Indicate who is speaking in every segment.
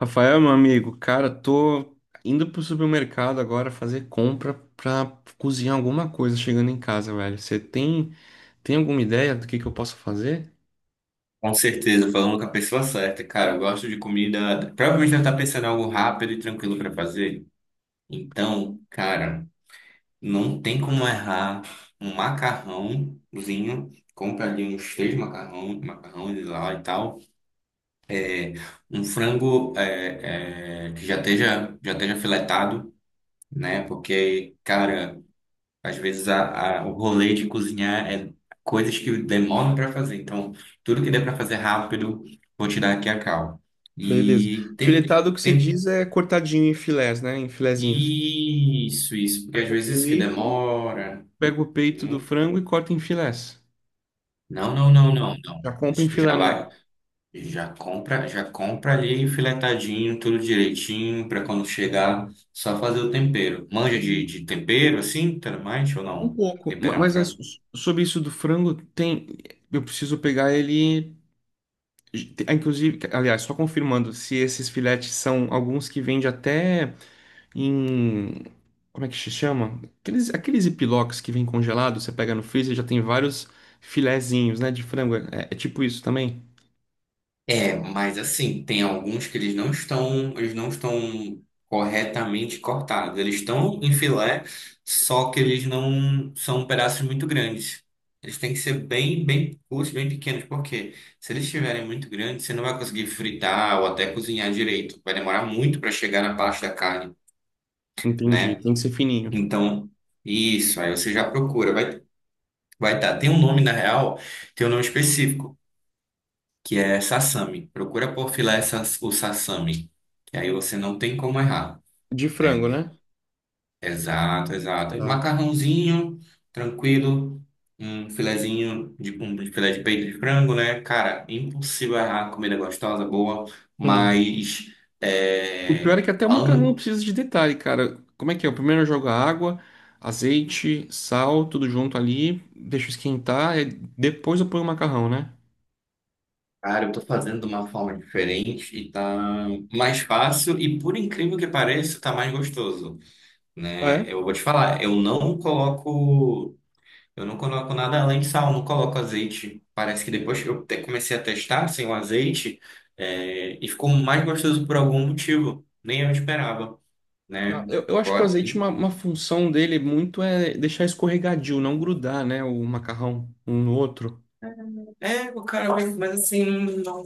Speaker 1: Rafael, meu amigo, cara, tô indo pro supermercado agora fazer compra pra cozinhar alguma coisa chegando em casa, velho. Você tem alguma ideia do que eu posso fazer?
Speaker 2: Com certeza, falando com a pessoa certa. Cara, eu gosto de comida. Provavelmente ela tá pensando em algo rápido e tranquilo para fazer. Então, cara, não tem como errar um macarrãozinho. Compra ali uns três macarrão, macarrões lá e tal. Um frango que já esteja filetado, né? Porque, cara. Às vezes o rolê de cozinhar é coisas que demoram para fazer. Então, tudo que der para fazer rápido, vou tirar aqui a cal.
Speaker 1: Beleza.
Speaker 2: E tem,
Speaker 1: Filetado, o que você diz
Speaker 2: tem
Speaker 1: é cortadinho em filés, né? Em filezinhos.
Speaker 2: isso, porque às
Speaker 1: Pega o
Speaker 2: vezes isso que
Speaker 1: peito,
Speaker 2: demora.
Speaker 1: Pego o peito do
Speaker 2: hum.
Speaker 1: frango e corta em filés.
Speaker 2: Não, não, não, não, não.
Speaker 1: Já compra
Speaker 2: Acho
Speaker 1: em
Speaker 2: que tu já
Speaker 1: filé.
Speaker 2: vai, já compra ali filetadinho, tudo direitinho, para quando chegar, só fazer o tempero. Manja
Speaker 1: Tem
Speaker 2: de tempero assim, tudo mais ou
Speaker 1: um
Speaker 2: não?
Speaker 1: pouco.
Speaker 2: Temperar um
Speaker 1: Mas é
Speaker 2: frango?
Speaker 1: sobre isso do frango, tem, eu preciso pegar ele. Inclusive, aliás, só confirmando se esses filetes são alguns que vende até em. Como é que se chama? Aqueles epiloques que vem congelado, você pega no freezer, e já tem vários filezinhos, né? De frango. É, é tipo isso também?
Speaker 2: É, mas assim, tem alguns que eles não estão corretamente cortados. Eles estão em filé, só que eles não são pedaços muito grandes. Eles têm que ser bem curtos, bem pequenos, porque se eles estiverem muito grandes, você não vai conseguir fritar ou até cozinhar direito. Vai demorar muito para chegar na parte da carne,
Speaker 1: Entendi.
Speaker 2: né?
Speaker 1: Tem que ser fininho.
Speaker 2: Então, isso, aí você já procura. Vai, vai estar. Tem um nome, na real, tem um nome específico, que é sasami. Procura por o sasami, que aí você não tem como errar,
Speaker 1: De
Speaker 2: né?
Speaker 1: frango, né?
Speaker 2: Exato, exato.
Speaker 1: Tá.
Speaker 2: Macarrãozinho, tranquilo, um filezinho de um filé de peito de frango, né? Cara, impossível errar, comida gostosa, boa,
Speaker 1: Hum.
Speaker 2: mas
Speaker 1: O pior é que até o macarrão
Speaker 2: falando,
Speaker 1: precisa de detalhe, cara. Como é que é? Eu primeiro jogo a água, azeite, sal, tudo junto ali, deixo esquentar, e depois eu ponho o macarrão, né?
Speaker 2: cara, eu tô fazendo de uma forma diferente e tá mais fácil e, por incrível que pareça, tá mais gostoso, né? Eu vou te falar, eu não coloco nada além de sal, não coloco azeite. Parece que depois que eu comecei a testar sem o azeite, e ficou mais gostoso por algum motivo. Nem eu esperava, né?
Speaker 1: Ah, eu acho que o
Speaker 2: Ó,
Speaker 1: azeite,
Speaker 2: e-
Speaker 1: uma função dele muito é deixar escorregadio, não grudar, né? O macarrão um no outro.
Speaker 2: É, o cara, mas assim,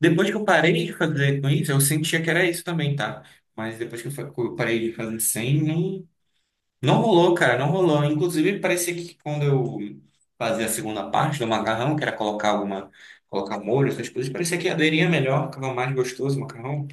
Speaker 2: depois que eu parei de fazer com isso, eu sentia que era isso também, tá? Mas depois que eu parei de fazer sem, não. Não rolou, cara, não rolou. Inclusive, parecia que quando eu fazia a segunda parte do macarrão, que era colocar molho, essas coisas, parecia que aderia melhor, ficava mais gostoso o macarrão.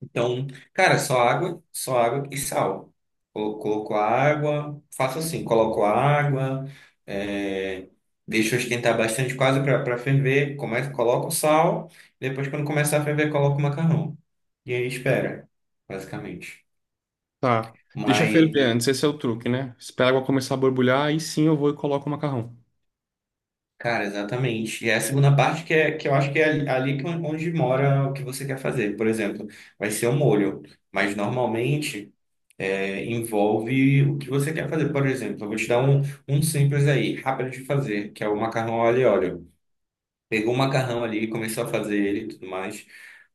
Speaker 2: Então, cara, só água e sal. Coloco a água, faço assim, coloco a água, é, deixo esquentar bastante, quase para ferver, começo, coloco o sal, depois quando começar a ferver, coloco o macarrão. E aí espera, basicamente.
Speaker 1: Tá. Deixa ferver
Speaker 2: Mas
Speaker 1: antes, esse é o truque, né? Espera a água começar a borbulhar, aí sim eu vou e coloco o macarrão.
Speaker 2: cara, exatamente. E é a segunda parte que eu acho que é ali que onde mora o que você quer fazer. Por exemplo, vai ser o molho, mas normalmente envolve o que você quer fazer. Por exemplo, eu vou te dar um simples aí, rápido de fazer, que é o macarrão ao alho e óleo. Pegou o macarrão ali, começou a fazer ele e tudo mais.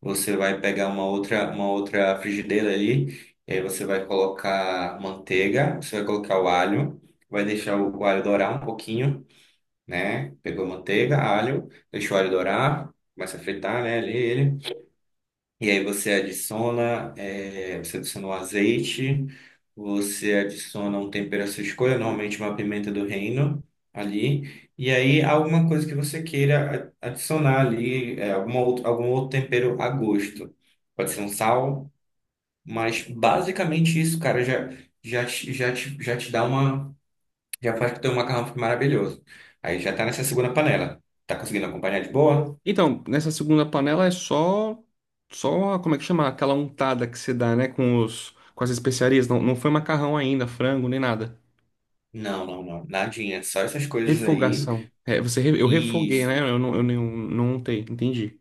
Speaker 2: Você vai pegar uma outra frigideira ali, e aí você vai colocar manteiga, você vai colocar o alho, vai deixar o alho dourar um pouquinho, né? Pegou manteiga, alho, deixou o alho dourar, começa a fritar, né, ali ele. E aí você você adiciona o azeite, você adiciona um tempero à sua escolha, normalmente uma pimenta do reino ali. E aí alguma coisa que você queira adicionar ali, algum outro tempero a gosto. Pode ser um sal, mas basicamente isso, cara, já te dá uma já faz que teu macarrão fica maravilhoso. Aí já tá nessa segunda panela. Tá conseguindo acompanhar de boa?
Speaker 1: Então, nessa segunda panela é só, como é que chama? Aquela untada que você dá, né? Com as especiarias. Não, não foi macarrão ainda, frango, nem nada.
Speaker 2: Não, não, não. Nadinha. Só essas coisas aí.
Speaker 1: Refogação. É, você, eu refoguei,
Speaker 2: Isso.
Speaker 1: né? Eu não untei, entendi.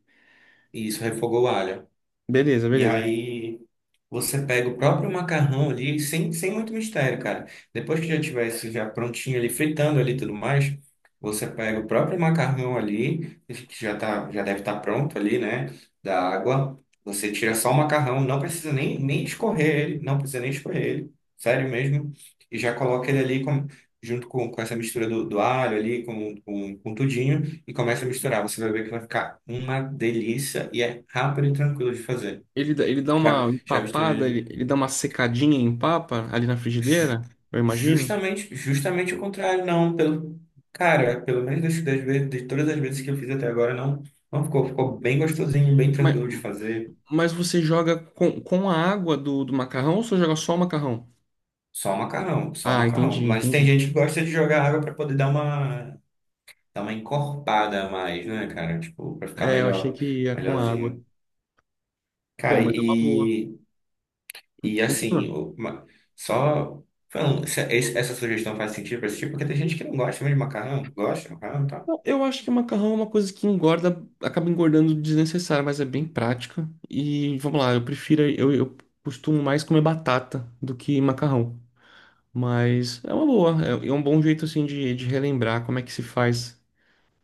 Speaker 2: Isso, refogou o alho.
Speaker 1: Beleza,
Speaker 2: E
Speaker 1: beleza.
Speaker 2: aí. Você pega o próprio macarrão ali, sem muito mistério, cara. Depois que já tiver já prontinho ali, fritando ali e tudo mais, você pega o próprio macarrão ali, que já tá, já deve estar pronto ali, né? Da água. Você tira só o macarrão, não precisa nem escorrer ele, não precisa nem escorrer ele, sério mesmo. E já coloca ele junto com essa mistura do alho ali, com tudinho, e começa a misturar. Você vai ver que vai ficar uma delícia e é rápido e tranquilo de fazer.
Speaker 1: Ele dá
Speaker 2: Já,
Speaker 1: uma
Speaker 2: já
Speaker 1: empapada,
Speaker 2: misturei.
Speaker 1: ele dá uma secadinha em papa ali na
Speaker 2: Ju-
Speaker 1: frigideira, eu imagino.
Speaker 2: Justamente, justamente o contrário, não. Pelo, cara, pelo menos das vezes, de todas as vezes que eu fiz até agora, não, não ficou. Ficou bem gostosinho, bem
Speaker 1: Mas,
Speaker 2: tranquilo de fazer.
Speaker 1: mas você joga com a água do macarrão ou você joga só o macarrão?
Speaker 2: Só o macarrão, só o
Speaker 1: Ah,
Speaker 2: macarrão.
Speaker 1: entendi,
Speaker 2: Mas tem
Speaker 1: entendi.
Speaker 2: gente que gosta de jogar água para poder dar uma encorpada a mais, né, cara? Tipo, para ficar
Speaker 1: É, eu achei
Speaker 2: melhor,
Speaker 1: que ia com água.
Speaker 2: melhorzinho.
Speaker 1: Pô,
Speaker 2: Cara,
Speaker 1: mas é uma boa.
Speaker 2: e
Speaker 1: Continua.
Speaker 2: assim, o- ma- só. Falando, essa sugestão faz sentido para esse tipo, porque tem gente que não gosta mesmo de macarrão, gosta de macarrão, tá?
Speaker 1: Eu acho que macarrão é uma coisa que engorda, acaba engordando desnecessário, mas é bem prática. E vamos lá, eu prefiro, eu costumo mais comer batata do que macarrão. Mas é uma boa, é é um bom jeito assim de relembrar como é que se faz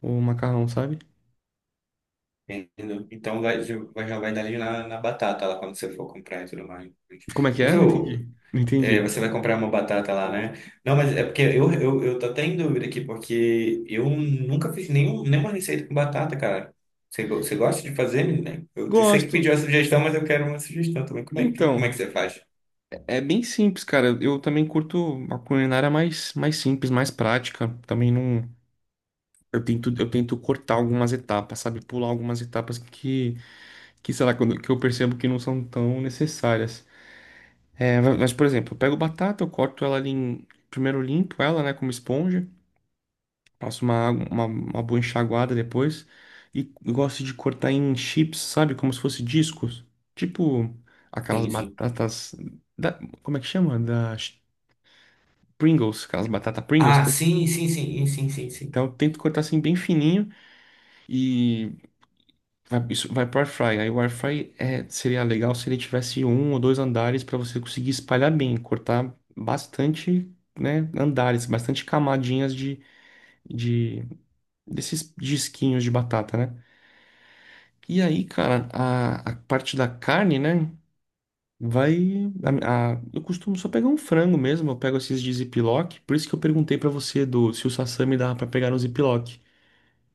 Speaker 1: o macarrão, sabe?
Speaker 2: Entendeu? Então vai, já vai dar ali na batata lá quando você for comprar e tudo mais.
Speaker 1: Como é que
Speaker 2: Mas
Speaker 1: é? Não
Speaker 2: eu,
Speaker 1: entendi. Não
Speaker 2: é,
Speaker 1: entendi.
Speaker 2: você vai comprar uma batata lá, né? Não, mas é porque eu tô até em dúvida aqui, porque eu nunca fiz nenhuma receita com batata, cara. Você gosta de fazer, menina? Eu sei que
Speaker 1: Gosto.
Speaker 2: pediu a sugestão, mas eu quero uma sugestão também. Como é
Speaker 1: Então,
Speaker 2: que você faz?
Speaker 1: é bem simples, cara. Eu também curto a culinária mais, mais simples, mais prática. Também não. Eu tento cortar algumas etapas, sabe? Pular algumas etapas que sei lá, que eu percebo que não são tão necessárias. É, mas, por exemplo, eu pego batata, eu corto ela ali em. Primeiro limpo ela, né, como esponja. Passo uma boa enxaguada depois. E gosto de cortar em chips, sabe? Como se fosse discos. Tipo aquelas
Speaker 2: Sim, sim.
Speaker 1: batatas. Como é que chama? Da Pringles, aquelas batatas Pringles.
Speaker 2: Ah, sim, sim, sim, sim, sim, sim.
Speaker 1: Então eu tento cortar assim bem fininho e vai, isso vai pro air fry. Aí o air fry é, seria legal se ele tivesse um ou dois andares para você conseguir espalhar bem, cortar bastante, né, andares, bastante camadinhas de desses disquinhos de batata, né? E aí, cara, a parte da carne, né? Vai. Eu costumo só pegar um frango mesmo, eu pego esses de ziplock. Por isso que eu perguntei pra você do se o sashimi dava pra pegar no ziplock.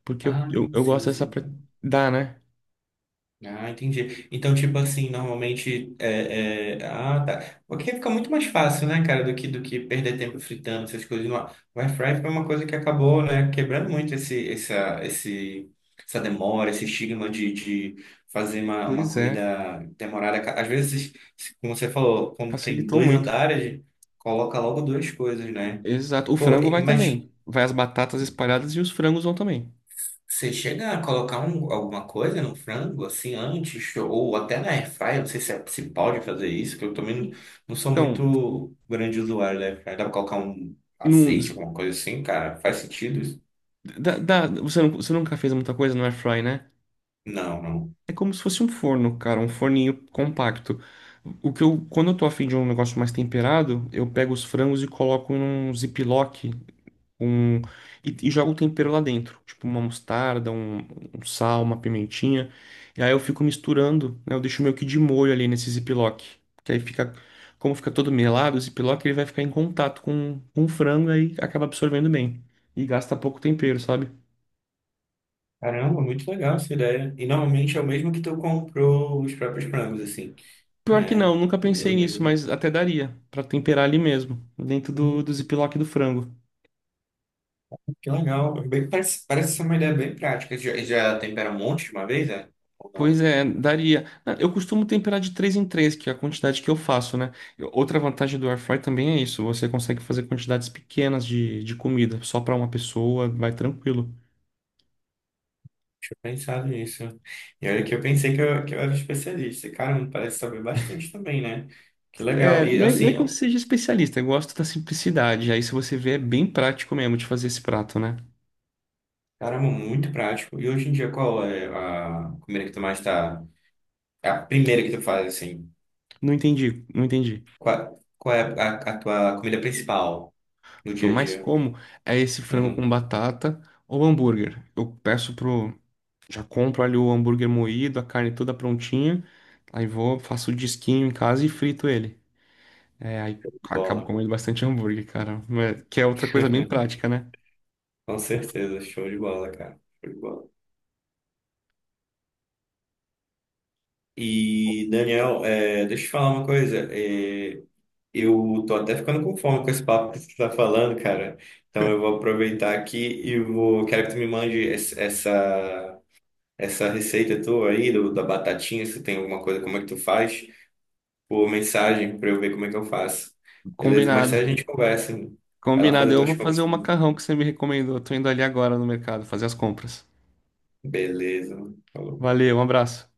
Speaker 1: Porque eu,
Speaker 2: Ah,
Speaker 1: eu, eu gosto
Speaker 2: sim, sim,
Speaker 1: dessa.
Speaker 2: sim.
Speaker 1: Dá, né?
Speaker 2: Ah, entendi. Então, tipo assim, ah, tá. Porque fica muito mais fácil, né, cara, do que perder tempo fritando essas coisas. No ar. O air fry foi uma coisa que acabou, né, quebrando muito essa demora, esse estigma de fazer uma
Speaker 1: Pois é,
Speaker 2: comida demorada. Às vezes, como você falou, quando tem
Speaker 1: facilitou
Speaker 2: dois
Speaker 1: muito.
Speaker 2: andares, coloca logo duas coisas, né?
Speaker 1: Exato. O
Speaker 2: Pô,
Speaker 1: frango vai
Speaker 2: mas
Speaker 1: também. Vai as batatas espalhadas e os frangos vão também.
Speaker 2: você chega a colocar alguma coisa no frango, assim, antes, ou até na airfryer, não sei se pode fazer isso, que eu também não, não sou
Speaker 1: Então,
Speaker 2: muito grande usuário da airfryer. Dá pra colocar um
Speaker 1: num,
Speaker 2: azeite, alguma coisa assim, cara? Faz sentido isso?
Speaker 1: você nunca fez muita coisa no air fry, né?
Speaker 2: Não, não.
Speaker 1: É como se fosse um forno, cara, um forninho compacto. O que eu, quando eu tô afim de um negócio mais temperado, eu pego os frangos e coloco num ziplock, um e jogo o tempero lá dentro, tipo uma mostarda, um sal, uma pimentinha. E aí eu fico misturando, né? Eu deixo meio que de molho ali nesse ziplock, que aí fica, como fica todo melado, o ziplock ele vai ficar em contato com o frango aí acaba absorvendo bem e gasta pouco tempero, sabe?
Speaker 2: Caramba, muito legal essa ideia. E normalmente é o mesmo que tu comprou os próprios frangos, assim,
Speaker 1: Pior que
Speaker 2: né?
Speaker 1: não, nunca
Speaker 2: O
Speaker 1: pensei
Speaker 2: meu
Speaker 1: nisso,
Speaker 2: mesmo.
Speaker 1: mas até daria pra temperar ali mesmo, dentro
Speaker 2: Hum,
Speaker 1: do ziplock do frango.
Speaker 2: Que legal. Bem, parece, parece ser uma ideia bem prática. Já, já tempera um monte de uma vez, é? Ou não?
Speaker 1: Pois é, daria. Ah, eu costumo temperar de 3 em 3, que é a quantidade que eu faço, né? Outra vantagem do air fry também é isso, você consegue fazer quantidades pequenas de comida, só pra uma pessoa, vai tranquilo.
Speaker 2: Deixa eu pensar nisso. E olha que eu pensei que que eu era especialista. Caramba, parece saber bastante também, né? Que legal.
Speaker 1: É,
Speaker 2: E
Speaker 1: não é, não é
Speaker 2: assim,
Speaker 1: que eu
Speaker 2: ó,
Speaker 1: seja especialista, eu gosto da simplicidade. Aí se você vê, é bem prático mesmo de fazer esse prato, né?
Speaker 2: caramba, muito prático. E hoje em dia, qual é a comida que tu mais tá? É a primeira que tu faz, assim.
Speaker 1: Não entendi, não entendi.
Speaker 2: Qual é a tua comida principal no
Speaker 1: O que eu
Speaker 2: dia a
Speaker 1: mais
Speaker 2: dia?
Speaker 1: como é esse frango com
Speaker 2: Uhum,
Speaker 1: batata ou hambúrguer. Eu peço pro Já compro ali o hambúrguer moído, a carne toda prontinha. Aí vou, faço o disquinho em casa e frito ele. É, aí acabo
Speaker 2: bola.
Speaker 1: comendo bastante hambúrguer, cara. Que é outra coisa bem prática, né?
Speaker 2: Com certeza, show de bola, cara. Show de bola. E, Daniel, é, deixa eu te falar uma coisa. Eh, eu tô até ficando com fome com esse papo que você tá falando, cara. Então eu vou aproveitar aqui e vou. Quero que tu me mande essa essa receita tua aí da batatinha, se tem alguma coisa, como é que tu faz, por mensagem para eu ver como é que eu faço. Beleza? Mais
Speaker 1: Combinado.
Speaker 2: tarde a gente conversa. Vai lá
Speaker 1: Combinado.
Speaker 2: fazer
Speaker 1: Eu
Speaker 2: tuas
Speaker 1: vou
Speaker 2: compras.
Speaker 1: fazer o
Speaker 2: Também.
Speaker 1: macarrão que você me recomendou. Eu tô indo ali agora no mercado fazer as compras.
Speaker 2: Beleza, mano. Falou.
Speaker 1: Valeu, um abraço.